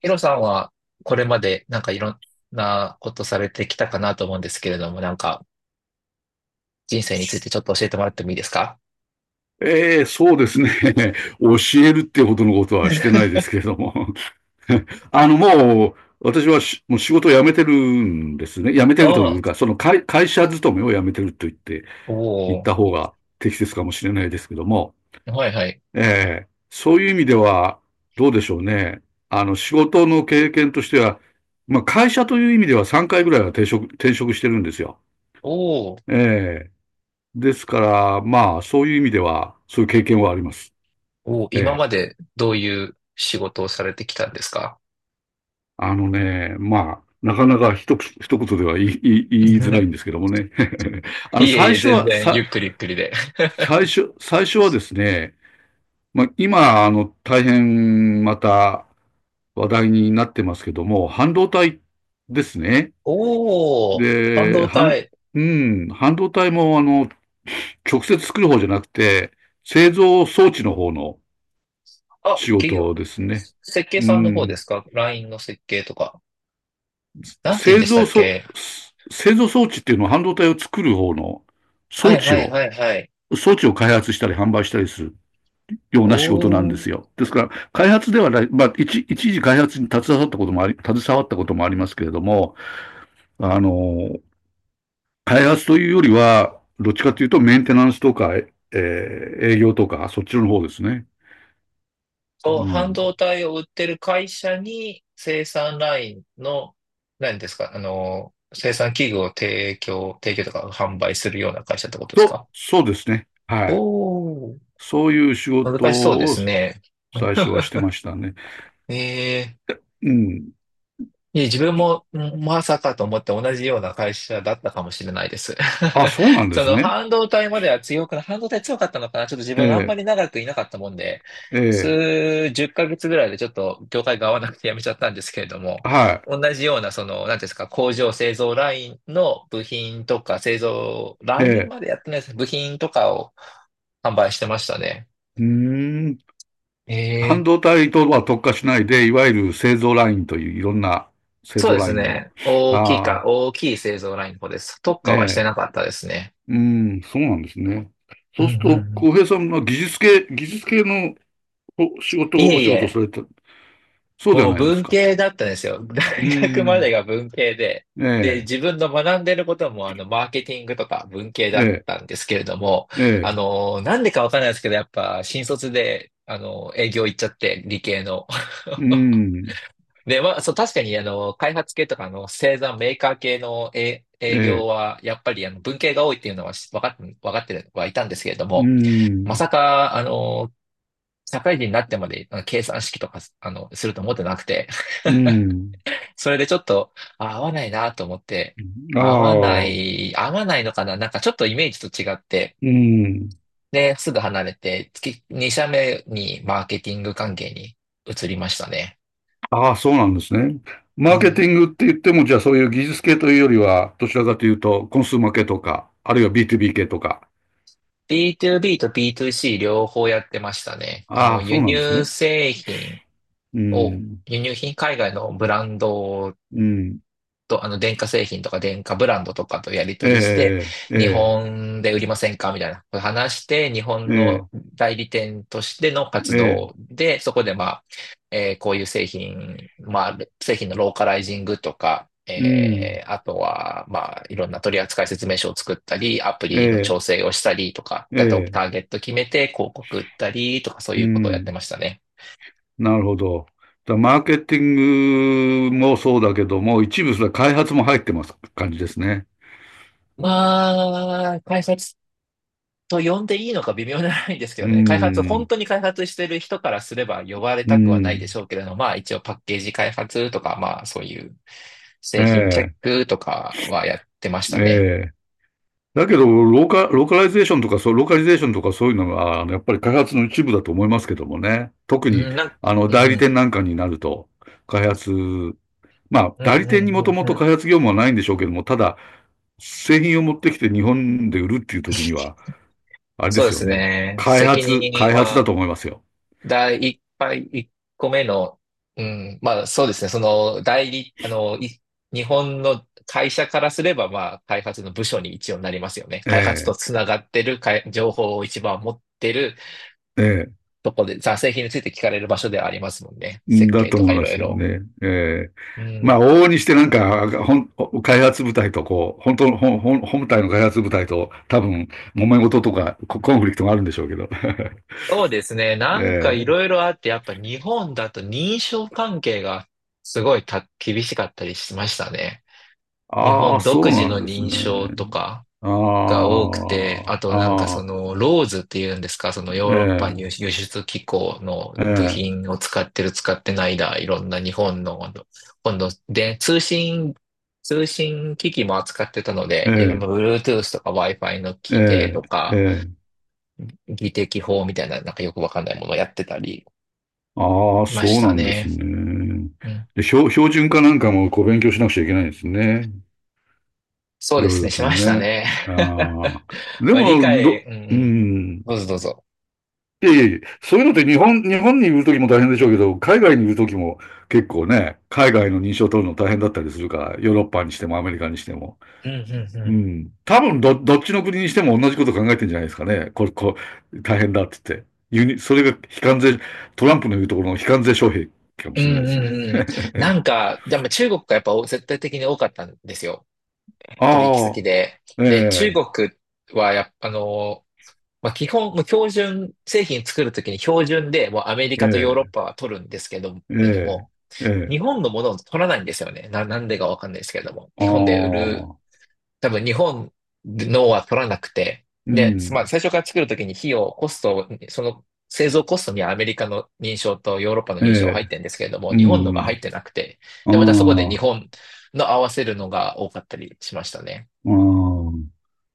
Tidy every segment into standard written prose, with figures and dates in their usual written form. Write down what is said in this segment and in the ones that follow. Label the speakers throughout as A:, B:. A: ヒロさんはこれまでなんかいろんなことされてきたかなと思うんですけれども、なんか人生についてちょっと教えてもらってもいいですか？
B: ええ、そうですね。教えるってほどのことは してないですけれども。もう、私はもう仕事を辞めてるんですね。辞めてるとい
A: あ
B: うか、
A: あ、
B: その会社勤めを辞めてると
A: お
B: 言っ
A: お、
B: た方が適切かもしれないですけども。
A: はいはい。
B: ええ、そういう意味では、どうでしょうね。仕事の経験としては、まあ、会社という意味では3回ぐらいは転職してるんですよ。
A: おお、
B: ええ。ですから、まあ、そういう意味では、そういう経験はあります。
A: おお、
B: え
A: 今
B: え。
A: までどういう仕事をされてきたんですか？
B: あのね、まあ、なかなか一言では言いづらいんです けどもね。あ
A: い
B: の、
A: えい
B: 最
A: え、
B: 初
A: 全
B: は、
A: 然ゆ
B: さ、
A: っくりゆっくりで。
B: 最初はですね、まあ、今、大変また話題になってますけども、半導体ですね。
A: おお、半
B: で、
A: 導
B: 半、
A: 体。
B: うん、半導体も、直接作る方じゃなくて、製造装置の方の
A: あ、
B: 仕
A: 企業、
B: 事ですね。
A: 設計
B: う
A: さんの方で
B: ん。
A: すか？ LINE の設計とか。なんて言うん
B: 製
A: でした
B: 造
A: っ
B: そ、
A: け？
B: 製造装置っていうのは半導体を作る方の装
A: はい
B: 置
A: はい
B: を、
A: はいはい。
B: 装置を開発したり販売したりするよう
A: お
B: な仕事なんです
A: お、
B: よ。ですから、開発ではない、まあ、一時開発に携わったこともありますけれども、あの、開発というよりは、どっちかというとメンテナンスとか、営業とか、そっちの方ですね。
A: と、
B: う
A: 半
B: ん。
A: 導体を売ってる会社に生産ラインの、何ですか、あの、生産器具を提供とか販売するような会社ってことです
B: と、
A: か？
B: そうですね。は
A: お
B: い。
A: ー、
B: そういう仕事
A: 難しそうで
B: を
A: すね。
B: 最初は してましたね。
A: ええ、
B: うん。
A: いえ、自分もんまさかと思って同じような会社だったかもしれないです。
B: あ、そうなん で
A: そ
B: す
A: の
B: ね。
A: 半導体までは強くな、半導体強かったのかな、ちょっと自
B: え
A: 分あんま
B: え、
A: り長くいなかったもんで、
B: ええ、
A: 数十ヶ月ぐらいでちょっと業界が合わなくて辞めちゃったんですけれども、
B: は
A: 同じようなその、なんていうんですか、工場製造ラインの部品とか製造
B: い、
A: ラ
B: え
A: イン
B: え、
A: までやってないですね。部品とかを販売してましたね。
B: うーん、
A: え
B: 半導
A: え。
B: 体とは特化しないで、いわゆる製造ラインといういろんな製
A: そう
B: 造
A: で
B: ラ
A: す
B: インの、
A: ね。
B: ああ、
A: 大きい製造ラインの方です。特
B: え
A: 化はして
B: え、
A: なかったですね。
B: うん、そうなんですね。
A: う
B: そうす
A: ん
B: る
A: う
B: と、
A: んうん。
B: 浩平さんは技術系の
A: い
B: お
A: えい
B: 仕事をさ
A: え、
B: れた、そうでは
A: もう
B: ないです
A: 文
B: か。
A: 系だったんですよ。大
B: うー
A: 学まで
B: ん、
A: が文系で、
B: え
A: で、自
B: え、
A: 分の学んでることも、あの、マーケティングとか文系だ
B: え
A: っ
B: え、
A: たんですけれども、
B: え
A: あ
B: え、
A: の、なんでかわかんないですけど、やっぱ、新卒で、あの、営業行っちゃって、理系の。
B: うーん、
A: で、まあ、そう、確かに、あの、開発系とか、あの、製造メーカー系の営
B: え
A: 営業
B: え、
A: は、やっぱり、あの、文系が多いっていうのはし分かって、分かってはいたんですけれど
B: うー
A: も、ま
B: ん、
A: さか、あの、社会人になってまであの計算式とか、あの、すると思ってなくて、
B: うーん、
A: それでちょっと、あ合わないなと思って、
B: あ
A: 合わな
B: あ、う
A: い、合わないのかな、なんかちょっとイメージと違って、
B: ーん、
A: で、すぐ離れて、月、2社目にマーケティング関係に移りましたね。
B: ああ、そうなんですね。
A: う
B: マーケテ
A: ん。
B: ィングって言っても、じゃあそういう技術系というよりは、どちらかというと、コンスーマー系とか、あるいは B2B 系とか。
A: B2B と B2C 両方やってましたね。あ
B: あ
A: の、
B: あ、そうなんですね。うん、
A: 輸入品、海外のブランド
B: うん、
A: と、あの、電化製品とか電化ブランドとかとやり
B: え
A: 取りして、
B: え、え
A: 日
B: え、
A: 本で売りませんかみたいな話して、日
B: え
A: 本
B: え、
A: の代理店としての活
B: ええ、
A: 動で、そこでまあ、こういう製品、まあ、製品のローカライジングとか、
B: うん、
A: あとは、まあ、いろんな取扱説明書を作ったり、アプ
B: え
A: リの
B: え、
A: 調整をしたりとか、
B: え
A: だとタ
B: え、
A: ーゲット決めて広告売ったりとか、そう
B: う
A: いうことをやって
B: ん、
A: ましたね。
B: なるほど。だからマーケティングもそうだけども、一部それ開発も入ってます感じですね。
A: まあ、開発と呼んでいいのか微妙じゃないんですけど
B: う
A: ね、開発、本
B: ん、
A: 当に開発してる人からすれば呼ばれ
B: う
A: たくはないで
B: ん、
A: しょうけれども、まあ一応パッケージ開発とか、まあそういう
B: え
A: 製品チェッ
B: え、
A: クとかはやってました
B: え
A: ね。
B: え。だけど、ローカライゼーションとか、そう、ローカリゼーションとかそういうのが、やっぱり開発の一部だと思いますけどもね。特に、
A: うん、なん、う
B: 代理
A: ん、
B: 店なんかになると、開発、まあ、
A: う
B: 代
A: ん、
B: 理
A: う
B: 店に
A: ん、
B: もと
A: う
B: も
A: ん、う
B: と
A: ん。
B: 開発業務はないんでしょうけども、ただ、製品を持ってきて日本で売るっていう時には、あれで
A: そうで
B: すよ
A: す
B: ね。
A: ね。責任
B: 開発だ
A: は
B: と思いますよ。
A: 第一杯、一個目の、うん、まあそうですね、そのあの、い日本の会社からすれば、まあ開発の部署に一応なりますよね。開発と
B: え
A: つながってる、かい情報を一番持ってる
B: え、ええ。
A: とこで、ざ製品について聞かれる場所ではありますもんね。設
B: だ
A: 計
B: と
A: とか
B: 思い
A: い
B: ま
A: ろい
B: すよ
A: ろ。
B: ね。ええ
A: う
B: ま
A: ん。
B: あ、往々にしてなんか、開発部隊とこう、本当の、ほん、ほん本体の開発部隊と多分、揉め事とか、コンフリクトがあるんでしょうけど。
A: そうですね、なんかい
B: ええ
A: ろいろあって、やっぱ日本だと認証関係がすごいた厳しかったりしましたね。日
B: ああ、
A: 本独
B: そう
A: 自
B: なん
A: の
B: です
A: 認
B: ね。
A: 証とか。
B: あ
A: が多くて、あ
B: あ、
A: となんか
B: あ
A: そ
B: あ、
A: のローズっていうんですか、そのヨーロッパ輸
B: え
A: 輸出機構の部
B: ええ
A: 品を使ってる使ってないだ、いろんな日本の、今度で通信機器も扱ってたので、いろんな
B: え
A: Bluetooth とか Wi-Fi の
B: え
A: 規定
B: え
A: と
B: え
A: か、
B: ええ
A: 技適法みたいな、なんかよくわかんないものをやってたり
B: ああ、
A: しまし
B: そう
A: た
B: なんです
A: ね。
B: ね。
A: うん。
B: で、標準化なんかもこう勉強しなくちゃいけないんですね。
A: そ
B: い
A: うで
B: ろい
A: すね、
B: ろ
A: し
B: と
A: ました
B: ね。
A: ね。
B: あ あ。で
A: まあ理
B: も、
A: 解、うんう
B: う
A: ん。
B: ん。
A: どうぞどうぞ。
B: いやいやいやそういうのって日本にいるときも大変でしょうけど、海外にいるときも結構ね、海外の認証を取るの大変だったりするから、ヨーロッパにしてもアメリカにしても。
A: うんうんう
B: う
A: ん。
B: ん。多分どっちの国にしても同じこと考えてるんじゃないですかね。これ、こう、大変だって言って。それが非関税、トランプの言うところの非関税障壁かも
A: う
B: しれ
A: ん
B: な
A: う
B: いですね。
A: んうん。なんか、でも中国がやっぱ絶対的に多かったんですよ。取引
B: あ
A: 先
B: あ、
A: で。
B: え
A: で、中
B: え、
A: 国はやっぱ、あの、まあ、基本、もう標準、製品作るときに標準で、もうアメリ
B: え
A: カとヨーロッ
B: え、
A: パは取るんですけど、
B: え
A: けど
B: え、
A: も、
B: え
A: 日
B: え、
A: 本のものを取らないんですよね。なんでかわかんないですけれども。
B: あ
A: 日本で売る
B: あ。
A: 多分日本のは取らなくて、
B: う
A: で、まあ
B: ん。
A: 最初から作るときにコストを、その製造コストにはアメリカの認証とヨーロッパの
B: え
A: 認証が
B: え。
A: 入ってるんですけれども、
B: う
A: 日本のが入
B: ん。
A: ってなくて、
B: あ
A: で、またそこで日
B: あ。
A: 本の合わせるのが多かったりしましたね。
B: ああ。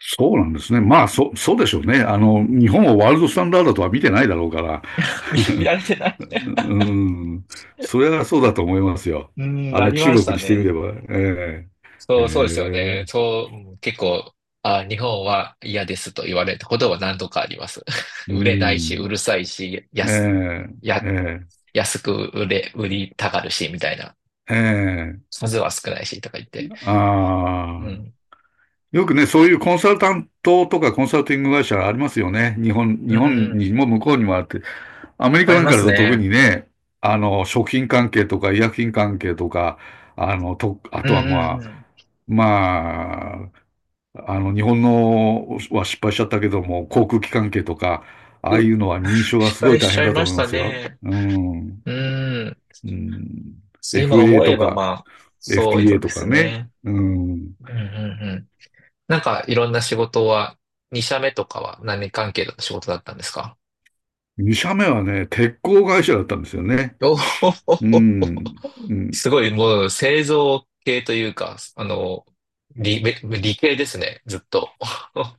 B: そうなんですね。まあ、そうでしょうね。日本をワールドスタンダードとは見てないだろうから。
A: 見られてない、
B: うん。それはそうだと思いますよ。
A: うん、あり
B: 中
A: まし
B: 国
A: た
B: にしてみれ
A: ね。
B: ば。ええ。
A: そう、そうですよ
B: え
A: ね。
B: え。
A: そう、うん、結構、あ、日本は嫌ですと言われたことは何度かあります。
B: う
A: 売れないし、う
B: ん。
A: るさいし、
B: え
A: 安、
B: え。
A: や、
B: え
A: 安く売れ、売りたがるし、みたいな。
B: え。ええ。
A: 数は少ないしとか言って。
B: ああ。
A: うん。
B: よくね、そういうコンサルタントとかコンサルティング会社ありますよね。日
A: うん
B: 本
A: う
B: に
A: ん。
B: も向こうにもあって。アメリカ
A: 合い
B: なん
A: ま
B: かだ
A: す
B: と特
A: ね。
B: にね、食品関係とか医薬品関係とか、あの、と、あ
A: う
B: と
A: んう
B: は
A: んう
B: まあ、
A: ん、
B: まあ、日本のは失敗しちゃったけども、航空機関係とか、
A: いますね
B: ああ
A: う、
B: いうのは認証が
A: 失
B: すごい
A: 敗
B: 大
A: しち
B: 変
A: ゃい
B: だと
A: ま
B: 思
A: し
B: いま
A: た
B: すよ。
A: ね。
B: うん。
A: うん。
B: うん。
A: 今
B: f a
A: 思え
B: と
A: ば
B: か、
A: まあ、そう
B: FTA
A: で
B: とか
A: す
B: ね。
A: ね。
B: うん。
A: うんうんうん。なんかいろんな仕事は、2社目とかは何関係の仕事だったんですか？
B: 2社目はね、鉄鋼会社だったんですよね。
A: お
B: う
A: お、
B: ん。うん。
A: すごいもう製造系というか、あの、理系ですね、ずっと。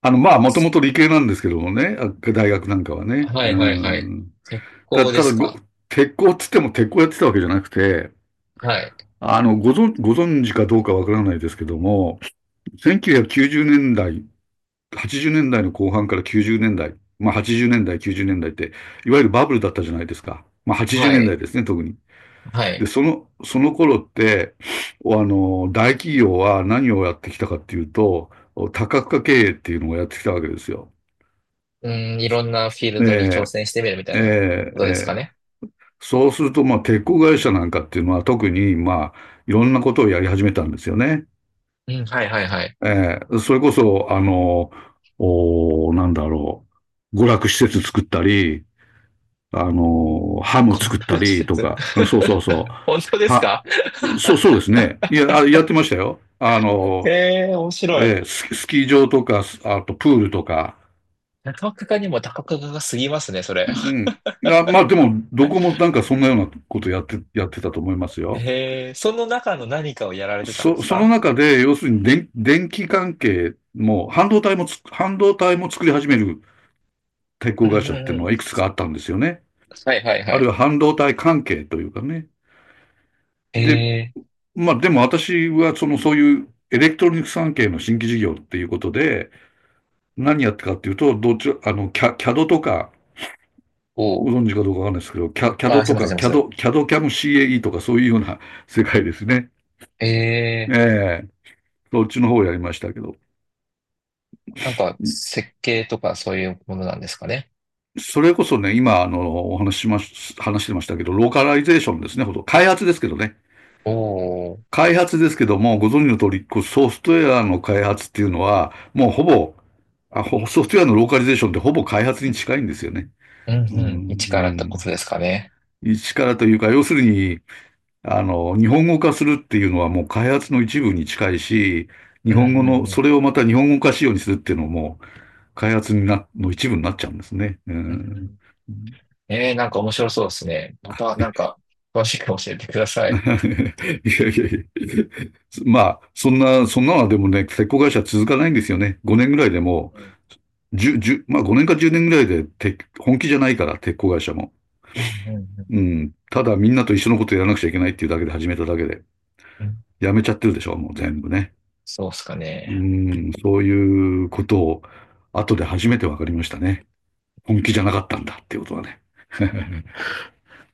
B: まあ、もともと理系なんですけどもね、大学なんかはね。
A: は
B: う
A: いはいはい。
B: ん。
A: 鉄工で
B: ただ
A: すか？
B: 鉄鋼っつっても鉄鋼やってたわけじゃなくて、
A: はい。
B: あの、ご存知かどうかわからないですけども、1990年代、80年代の後半から90年代、まあ80年代、90年代って、いわゆるバブルだったじゃないですか。まあ80
A: は
B: 年
A: い。
B: 代ですね、特に。
A: は
B: で、
A: い。
B: その頃って、あの、大企業は何をやってきたかっていうと、多角化経営っていうのをやってきたわけですよ。
A: うん、いろんなフィール
B: え
A: ドに挑
B: え
A: 戦してみるみた
B: え
A: いな
B: え、
A: こと
B: え
A: ですか
B: え。
A: ね。
B: そうすると、まあ、鉄鋼会社なんかっていうのは特に、まあ、いろんなことをやり始めたんですよね。
A: うん、はいはいはい。
B: ええ、それこそ、あの、おー、なんだろう、娯楽施設作ったり、あの、ハム
A: 娯
B: 作っ
A: 楽
B: た
A: 施
B: りと
A: 設。
B: か、そうそうそ
A: 本当で
B: う。
A: すか？
B: そう、そうですね。いや、やってましたよ。あ の、
A: へえ、面白い。
B: ええ、スキー場とか、あとプールとか。
A: 中岡家にも高岡が過ぎますね、そ
B: う
A: れ。
B: ん。まあ、でも、どこもなんかそんなようなことやって、やってたと思いますよ。
A: へえ、その中の何かをやられてたんです
B: その
A: か？
B: 中で、要するに電気関係も、半導体も作り始める鉄
A: う
B: 鋼
A: ん
B: 会
A: うん
B: 社っていう
A: う
B: のは
A: ん。
B: いくつかあったんですよね。
A: はいはいは
B: あるい
A: い。
B: は半導体関係というかね。
A: え
B: で、
A: え、
B: まあでも私はそういうエレクトロニクス関係の新規事業っていうことで、何やってかっていうと、どっち、あの、キャ、CAD とか、
A: お
B: ご
A: う。
B: 存知かどうかわかんないですけど、
A: あ、
B: CAD
A: すい
B: と
A: ません、
B: か、
A: すいません。
B: CAD CAM CAE とかそういうような世界ですね。
A: え
B: え
A: え、
B: えーそっちの方をやりましたけど。
A: なんか設計とかそういうものなんですかね。
B: それこそね、今、お話しまし、話してましたけど、ローカライゼーションですね、ほとんど開発ですけどね。
A: おお、
B: 開発ですけども、ご存知の通り、こうソフトウェアの開発っていうのは、もうほぼ、ソフトウェアのローカリゼーションってほぼ開発に近いんですよね。
A: うんう
B: うん、う
A: ん。一からってこ
B: ん。
A: とですかね。
B: 一からというか、要するに、あの、日本語化するっていうのはもう開発の一部に近いし、日
A: うん
B: 本語の、そ
A: う
B: れ
A: ん
B: をまた日本語化仕様にするっていうのも、開発になの一部になっちゃうんですね。う
A: うん。う
B: ん
A: ん、えー、なんか面白そうですね。また、なんか、詳しく教えてくださ
B: い
A: い。
B: やいやいや。まあ、そんなのはでもね、鉄鋼会社続かないんですよね。5年ぐらいでも
A: うん
B: う、1まあ5年か10年ぐらいで本気じゃないから、鉄鋼会社も。
A: うんうんうん、
B: うん。ただみんなと一緒のことやらなくちゃいけないっていうだけで始めただけで、やめちゃってるでしょ、もう全部ね。
A: そうっすか
B: う
A: ね。
B: ん、そういうことを後で初めて分かりましたね。本気じゃなかったんだっていうことはね。